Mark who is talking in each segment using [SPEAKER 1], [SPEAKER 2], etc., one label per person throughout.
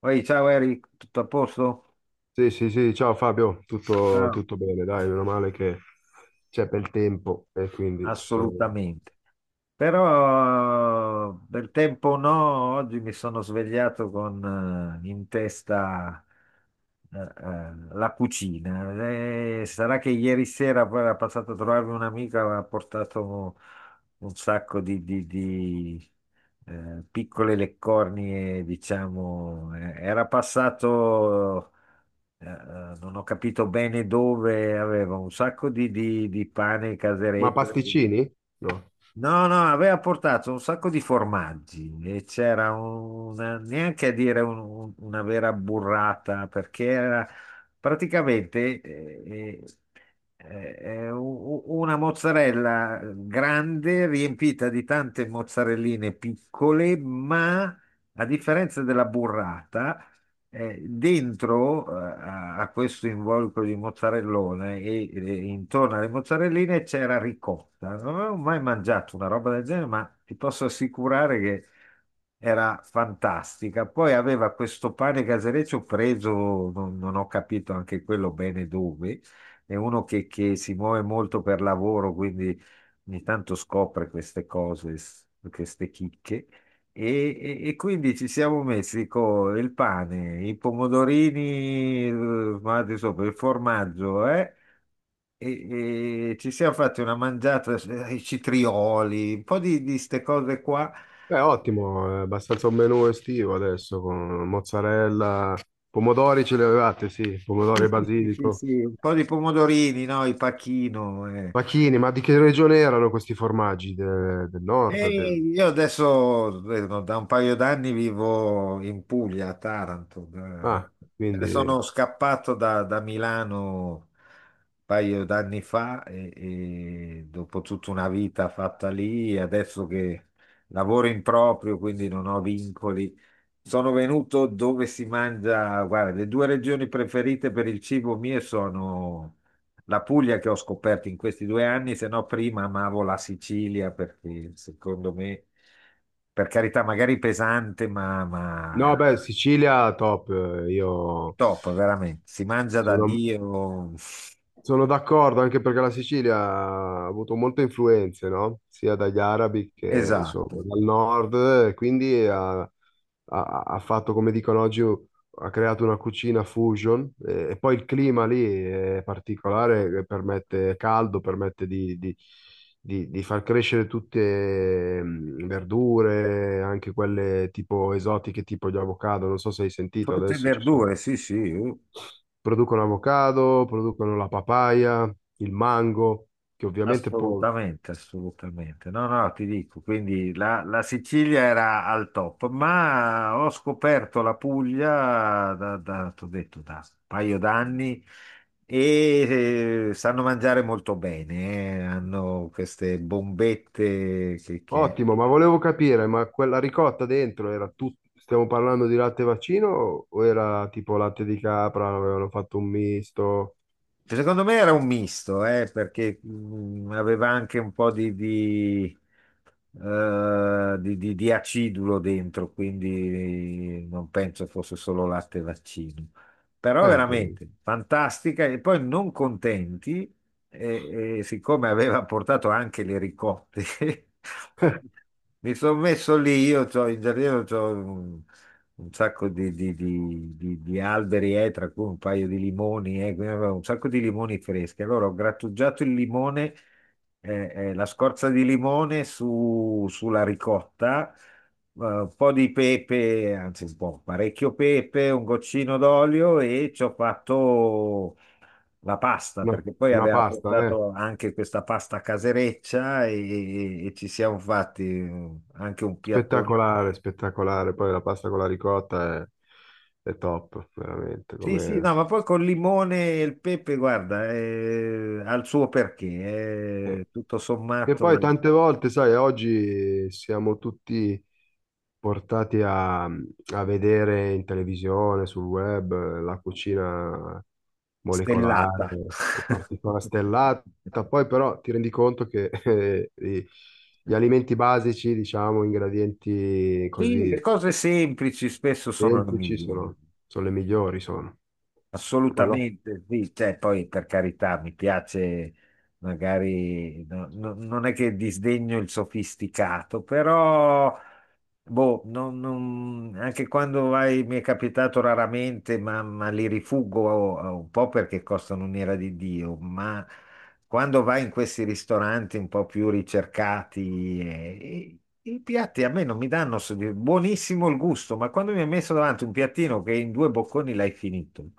[SPEAKER 1] Poi, ciao Eric, tutto a posto?
[SPEAKER 2] Sì, sì, sì, ciao Fabio, tutto,
[SPEAKER 1] Ciao.
[SPEAKER 2] tutto bene, dai, meno male che c'è bel tempo e quindi sono.
[SPEAKER 1] Assolutamente. Però del tempo no, oggi mi sono svegliato con in testa la cucina. Sarà che ieri sera poi era passato a trovarmi un'amica, aveva portato un sacco di, piccole leccornie, diciamo. Era passato, non ho capito bene dove, aveva un sacco di, di pane
[SPEAKER 2] Ma
[SPEAKER 1] caseretto.
[SPEAKER 2] pasticcini? No.
[SPEAKER 1] No, no, aveva portato un sacco di formaggi e c'era una, neanche a dire una vera burrata perché era praticamente eh, eh, u- una mozzarella grande riempita di tante mozzarelline piccole, ma a differenza della burrata dentro a, questo involucro di mozzarellone e intorno alle mozzarelline c'era ricotta. Non avevo mai mangiato una roba del genere, ma ti posso assicurare che era fantastica. Poi aveva questo pane casereccio preso, non ho capito anche quello bene dove. È uno che, si muove molto per lavoro, quindi ogni tanto scopre queste cose, queste chicche. E, quindi ci siamo messi con il pane, i pomodorini, ma adesso per il formaggio, E, e ci siamo fatti una mangiata, i citrioli, un po' di queste cose qua.
[SPEAKER 2] Beh, ottimo, è abbastanza un menù estivo adesso con mozzarella, pomodori ce li avevate, sì,
[SPEAKER 1] Sì,
[SPEAKER 2] pomodori e
[SPEAKER 1] sì, sì, sì,
[SPEAKER 2] basilico,
[SPEAKER 1] sì, un po' di pomodorini, no? Il pacchino.
[SPEAKER 2] pachini, ma di che regione erano questi formaggi? Del
[SPEAKER 1] E
[SPEAKER 2] nord? Del.
[SPEAKER 1] io adesso vedo, da un paio d'anni vivo in Puglia, a Taranto.
[SPEAKER 2] Ah,
[SPEAKER 1] Me ne
[SPEAKER 2] quindi.
[SPEAKER 1] sono scappato da, Milano un paio d'anni fa e, dopo tutta una vita fatta lì, adesso che lavoro in proprio, quindi non ho vincoli, sono venuto dove si mangia. Guarda, le due regioni preferite per il cibo mie sono la Puglia che ho scoperto in questi due anni, se no prima amavo la Sicilia perché secondo me, per carità, magari pesante, ma
[SPEAKER 2] No,
[SPEAKER 1] è
[SPEAKER 2] beh, Sicilia top, io
[SPEAKER 1] top, veramente. Si mangia da
[SPEAKER 2] sono.
[SPEAKER 1] Dio.
[SPEAKER 2] Sono d'accordo, anche perché la Sicilia ha avuto molte influenze, no? Sia dagli arabi che insomma,
[SPEAKER 1] Esatto.
[SPEAKER 2] dal nord, e quindi ha fatto, come dicono oggi, ha creato una cucina fusion e poi il clima lì è particolare, che permette è caldo, permette di far crescere tutte verdure, anche quelle tipo esotiche, tipo gli avocado, non so se hai sentito,
[SPEAKER 1] Frutta e
[SPEAKER 2] adesso ci sono.
[SPEAKER 1] verdure, sì, sì.
[SPEAKER 2] Producono avocado, producono la papaya, il mango, che ovviamente può.
[SPEAKER 1] Assolutamente, assolutamente. No, no, ti dico, quindi la, Sicilia era al top, ma ho scoperto la Puglia da, da, t'ho detto, da un paio d'anni e sanno mangiare molto bene, eh. Hanno queste bombette che,
[SPEAKER 2] Ottimo, ma volevo capire, ma quella ricotta dentro era tutto. Stiamo parlando di latte vaccino o era tipo latte di capra, avevano fatto un misto?
[SPEAKER 1] secondo me era un misto, perché aveva anche un po' di, di acidulo dentro, quindi non penso fosse solo latte e vaccino. Però
[SPEAKER 2] Eh, per-
[SPEAKER 1] veramente fantastica e poi non contenti, e siccome aveva portato anche le ricotte, mi sono messo lì, io c'ho in giardino, un sacco di, di alberi, tra cui un paio di limoni, quindi avevo un sacco di limoni freschi. Allora ho grattugiato il limone, la scorza di limone sulla ricotta, un po' di pepe, anzi un po', parecchio pepe, un goccino d'olio e ci ho fatto la pasta,
[SPEAKER 2] no,
[SPEAKER 1] perché poi
[SPEAKER 2] una
[SPEAKER 1] aveva
[SPEAKER 2] pasta, eh.
[SPEAKER 1] portato anche questa pasta casereccia e ci siamo fatti anche un piatto.
[SPEAKER 2] Spettacolare, spettacolare. Poi la pasta con la ricotta è top, veramente,
[SPEAKER 1] Sì, sì,
[SPEAKER 2] come,
[SPEAKER 1] no, ma poi col limone e il pepe, guarda, ha il suo perché, è
[SPEAKER 2] eh.
[SPEAKER 1] tutto
[SPEAKER 2] Che
[SPEAKER 1] sommato
[SPEAKER 2] poi tante volte, sai, oggi siamo tutti portati a vedere in televisione, sul web, la cucina molecolare
[SPEAKER 1] stellata.
[SPEAKER 2] o particolare stellata, poi però ti rendi conto che gli alimenti basici, diciamo, ingredienti
[SPEAKER 1] Sì, le
[SPEAKER 2] così
[SPEAKER 1] cose semplici spesso sono le
[SPEAKER 2] semplici
[SPEAKER 1] migliori,
[SPEAKER 2] sono le migliori, sono. Quello.
[SPEAKER 1] assolutamente, sì, cioè, poi per carità mi piace magari, non è che disdegno il sofisticato. Però boh, anche quando vai, mi è capitato raramente, ma li rifuggo un po' perché costano un'ira di Dio, ma quando vai in questi ristoranti un po' più ricercati, i piatti a me non mi danno buonissimo il gusto, ma quando mi hai messo davanti un piattino che in due bocconi l'hai finito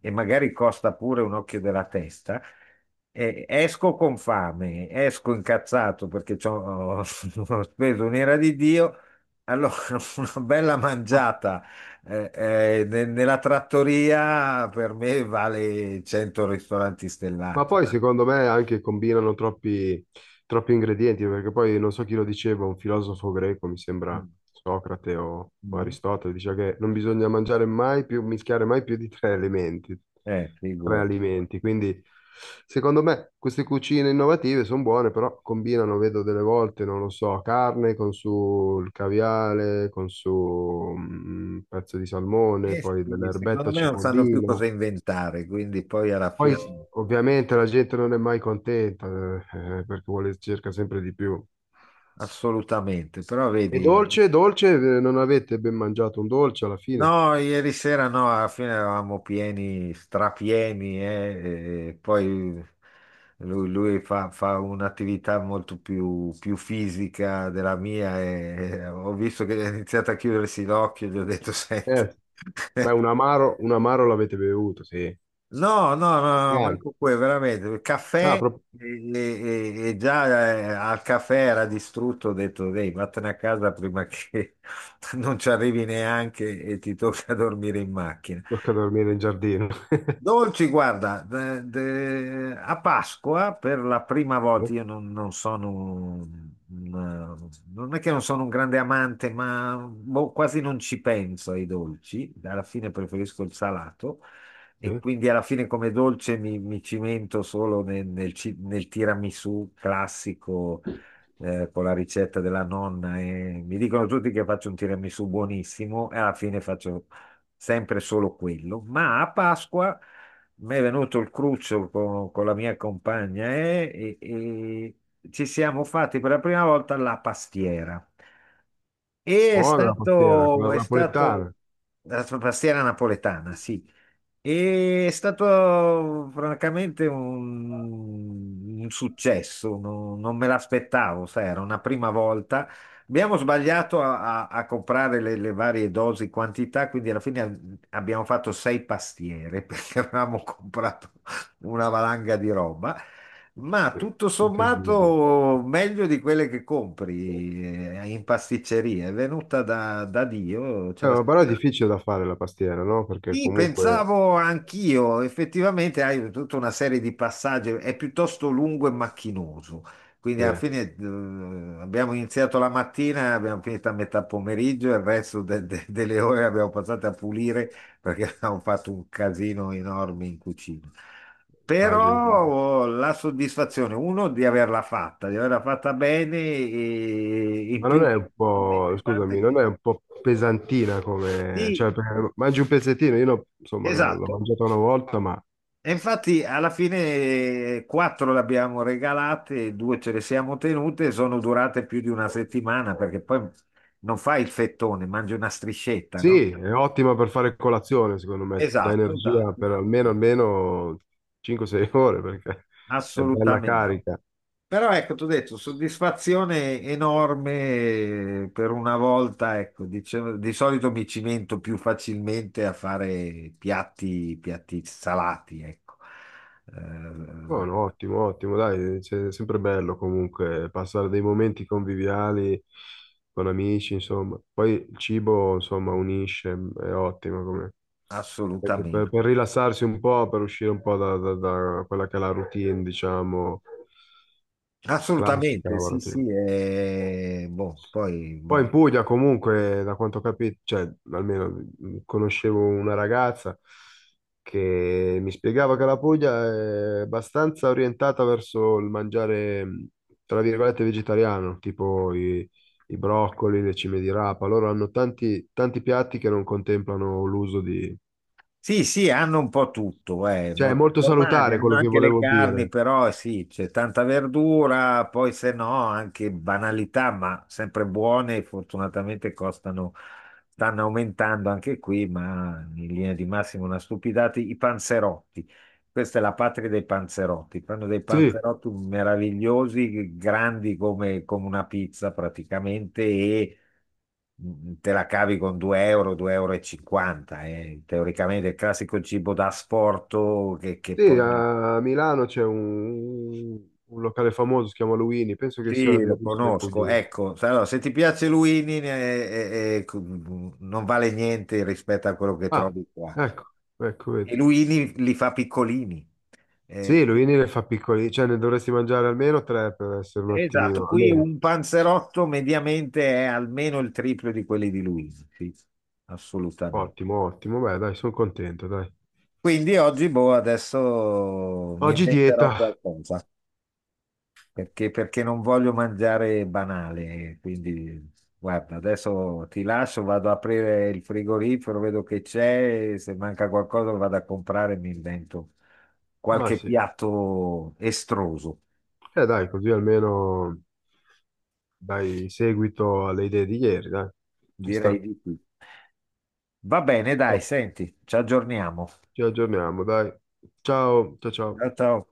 [SPEAKER 1] e magari costa pure un occhio della testa, esco con fame, esco incazzato perché ho speso un'ira di Dio. Allora, una bella mangiata nella trattoria per me vale 100 ristoranti
[SPEAKER 2] Ma
[SPEAKER 1] stellati.
[SPEAKER 2] poi secondo me anche combinano troppi ingredienti, perché poi non so chi lo diceva, un filosofo greco, mi sembra
[SPEAKER 1] Mm.
[SPEAKER 2] Socrate o
[SPEAKER 1] Mm.
[SPEAKER 2] Aristotele, diceva che non bisogna mangiare mai più, mischiare mai più di tre elementi, tre
[SPEAKER 1] Figura.
[SPEAKER 2] alimenti. Quindi secondo me queste cucine innovative sono buone, però combinano, vedo delle volte, non lo so, carne con sul caviale, con su un pezzo di salmone,
[SPEAKER 1] Eh
[SPEAKER 2] poi
[SPEAKER 1] sì,
[SPEAKER 2] dell'erbetta
[SPEAKER 1] secondo me non sanno più
[SPEAKER 2] cipollina.
[SPEAKER 1] cosa inventare, quindi poi alla
[SPEAKER 2] Poi
[SPEAKER 1] fine
[SPEAKER 2] ovviamente la gente non è mai contenta, perché vuole, cerca sempre di più.
[SPEAKER 1] assolutamente, però
[SPEAKER 2] E
[SPEAKER 1] vedi.
[SPEAKER 2] dolce, dolce, non avete ben mangiato un dolce alla fine?
[SPEAKER 1] No, ieri sera no, alla fine eravamo pieni, strapieni, e poi lui fa un'attività molto più fisica della mia e ho visto che ha iniziato a chiudersi l'occhio, gli ho detto, senti.
[SPEAKER 2] Certo. Beh, un amaro l'avete bevuto, sì.
[SPEAKER 1] No, no, no, no,
[SPEAKER 2] Neanche.
[SPEAKER 1] manco quello, veramente, il
[SPEAKER 2] Ah,
[SPEAKER 1] caffè
[SPEAKER 2] proprio
[SPEAKER 1] e già al caffè era distrutto, ho detto, dai, vattene a casa prima che non ci arrivi neanche e ti tocca dormire in macchina.
[SPEAKER 2] tocca dormire in giardino.
[SPEAKER 1] Dolci, guarda, a Pasqua per la prima
[SPEAKER 2] Eh,
[SPEAKER 1] volta, io non sono, non è che non sono un grande amante, ma boh, quasi non ci penso ai dolci, alla fine preferisco il salato e
[SPEAKER 2] sì.
[SPEAKER 1] quindi alla fine come dolce mi cimento solo nel, nel tiramisù classico, con la ricetta della nonna e mi dicono tutti che faccio un tiramisù buonissimo e alla fine faccio sempre solo quello. Ma a Pasqua mi è venuto il cruccio con, la mia compagna e e ci siamo fatti per la prima volta la pastiera.
[SPEAKER 2] Buona la pastiera, quella
[SPEAKER 1] È
[SPEAKER 2] napoletana.
[SPEAKER 1] stato la sua pastiera napoletana, sì. E è stato francamente un successo, non me l'aspettavo, sai, era una prima volta. Abbiamo sbagliato a comprare le varie dosi, quantità, quindi alla fine abbiamo fatto sei pastiere perché avevamo comprato una valanga di roba. Ma
[SPEAKER 2] Sì,
[SPEAKER 1] tutto
[SPEAKER 2] incredibile.
[SPEAKER 1] sommato meglio di quelle che compri in pasticceria, è venuta da, Dio, ce la.
[SPEAKER 2] Però è difficile da fare la pastiera, no? Perché
[SPEAKER 1] Sì,
[SPEAKER 2] comunque,
[SPEAKER 1] pensavo anch'io, effettivamente hai tutta una serie di passaggi, è piuttosto lungo e macchinoso, quindi
[SPEAKER 2] sì,
[SPEAKER 1] alla fine abbiamo iniziato la mattina, abbiamo finito a metà pomeriggio e il resto delle ore abbiamo passato a pulire perché abbiamo fatto un casino enorme in cucina.
[SPEAKER 2] immagino.
[SPEAKER 1] Però
[SPEAKER 2] Immagino.
[SPEAKER 1] oh, la soddisfazione, uno, di averla fatta bene e in
[SPEAKER 2] Ma non
[SPEAKER 1] più,
[SPEAKER 2] è un po',
[SPEAKER 1] talmente
[SPEAKER 2] scusami,
[SPEAKER 1] tante
[SPEAKER 2] non
[SPEAKER 1] che...
[SPEAKER 2] è un po' pesantina come, cioè,
[SPEAKER 1] Sì,
[SPEAKER 2] perché mangi un pezzettino, io insomma l'ho
[SPEAKER 1] esatto.
[SPEAKER 2] mangiata una volta, ma
[SPEAKER 1] E infatti alla fine quattro le abbiamo regalate, due ce le siamo tenute, sono durate più di una settimana perché poi non fai il fettone, mangi una striscetta, no?
[SPEAKER 2] sì, è ottima per fare colazione, secondo me, ti dà
[SPEAKER 1] Esatto,
[SPEAKER 2] energia
[SPEAKER 1] esatto,
[SPEAKER 2] per almeno 5-6 ore, perché è bella
[SPEAKER 1] assolutamente.
[SPEAKER 2] carica.
[SPEAKER 1] Però ecco, ti ho detto, soddisfazione enorme per una volta, ecco, dicevo, di solito mi cimento più facilmente a fare piatti salati, ecco. Eh,
[SPEAKER 2] Buono, ottimo, ottimo, dai, è sempre bello comunque passare dei momenti conviviali con amici, insomma. Poi il cibo, insomma, unisce, è ottimo come. Perché per,
[SPEAKER 1] assolutamente.
[SPEAKER 2] per rilassarsi un po', per uscire un po' da quella che è la routine, diciamo, classica
[SPEAKER 1] Assolutamente, sì,
[SPEAKER 2] lavorativa.
[SPEAKER 1] sì, boh, poi,
[SPEAKER 2] Poi in
[SPEAKER 1] boh.
[SPEAKER 2] Puglia comunque, da quanto ho capito, cioè almeno conoscevo una ragazza che mi spiegava che la Puglia è abbastanza orientata verso il mangiare, tra virgolette, vegetariano, tipo i broccoli, le cime di rapa. Loro hanno tanti, tanti piatti che non contemplano l'uso di.
[SPEAKER 1] Sì, sì, hanno un po' tutto,
[SPEAKER 2] Cioè è
[SPEAKER 1] molti
[SPEAKER 2] molto
[SPEAKER 1] formaggi,
[SPEAKER 2] salutare
[SPEAKER 1] hanno
[SPEAKER 2] quello che
[SPEAKER 1] anche le
[SPEAKER 2] volevo
[SPEAKER 1] carni,
[SPEAKER 2] dire.
[SPEAKER 1] però sì, c'è tanta verdura, poi se no anche banalità, ma sempre buone, fortunatamente costano, stanno aumentando anche qui, ma in linea di massimo una stupidata, i panzerotti. Questa è la patria dei panzerotti. Fanno dei
[SPEAKER 2] Sì,
[SPEAKER 1] panzerotti meravigliosi, grandi come, una pizza praticamente, e te la cavi con 2 euro, 2,50 euro, e cinquanta, eh. Teoricamente è il classico cibo da asporto che,
[SPEAKER 2] sì,
[SPEAKER 1] poi...
[SPEAKER 2] a Milano c'è un locale famoso, si chiama Luini, penso che sia
[SPEAKER 1] Sì,
[SPEAKER 2] di
[SPEAKER 1] lo
[SPEAKER 2] origine
[SPEAKER 1] conosco.
[SPEAKER 2] pugliese.
[SPEAKER 1] Ecco, allora, se ti piace Luini, non vale niente rispetto a quello che
[SPEAKER 2] Ah,
[SPEAKER 1] trovi qua.
[SPEAKER 2] ecco, ecco,
[SPEAKER 1] E
[SPEAKER 2] vedi.
[SPEAKER 1] Luini li fa piccolini. eh.
[SPEAKER 2] Sì, Luini le fa piccoli, cioè ne dovresti mangiare almeno tre per essere un
[SPEAKER 1] Esatto,
[SPEAKER 2] attimino,
[SPEAKER 1] qui
[SPEAKER 2] almeno.
[SPEAKER 1] un panzerotto mediamente è almeno il triplo di quelli di Luini. Sì, assolutamente.
[SPEAKER 2] Ottimo, ottimo, beh dai, sono contento, dai.
[SPEAKER 1] Quindi oggi, boh, adesso mi
[SPEAKER 2] Oggi
[SPEAKER 1] inventerò
[SPEAKER 2] dieta,
[SPEAKER 1] qualcosa, perché non voglio mangiare banale. Quindi, guarda, adesso ti lascio, vado ad aprire il frigorifero, vedo che c'è, e se manca qualcosa lo vado a comprare e mi invento
[SPEAKER 2] ma
[SPEAKER 1] qualche
[SPEAKER 2] sì,
[SPEAKER 1] piatto estroso,
[SPEAKER 2] dai, così almeno dai seguito alle idee di ieri, dai. Ci
[SPEAKER 1] direi
[SPEAKER 2] sta.
[SPEAKER 1] di più. Va bene, dai,
[SPEAKER 2] Oh,
[SPEAKER 1] senti, ci aggiorniamo.
[SPEAKER 2] ci aggiorniamo, dai. Ciao, ciao, ciao.
[SPEAKER 1] Ciao, ciao.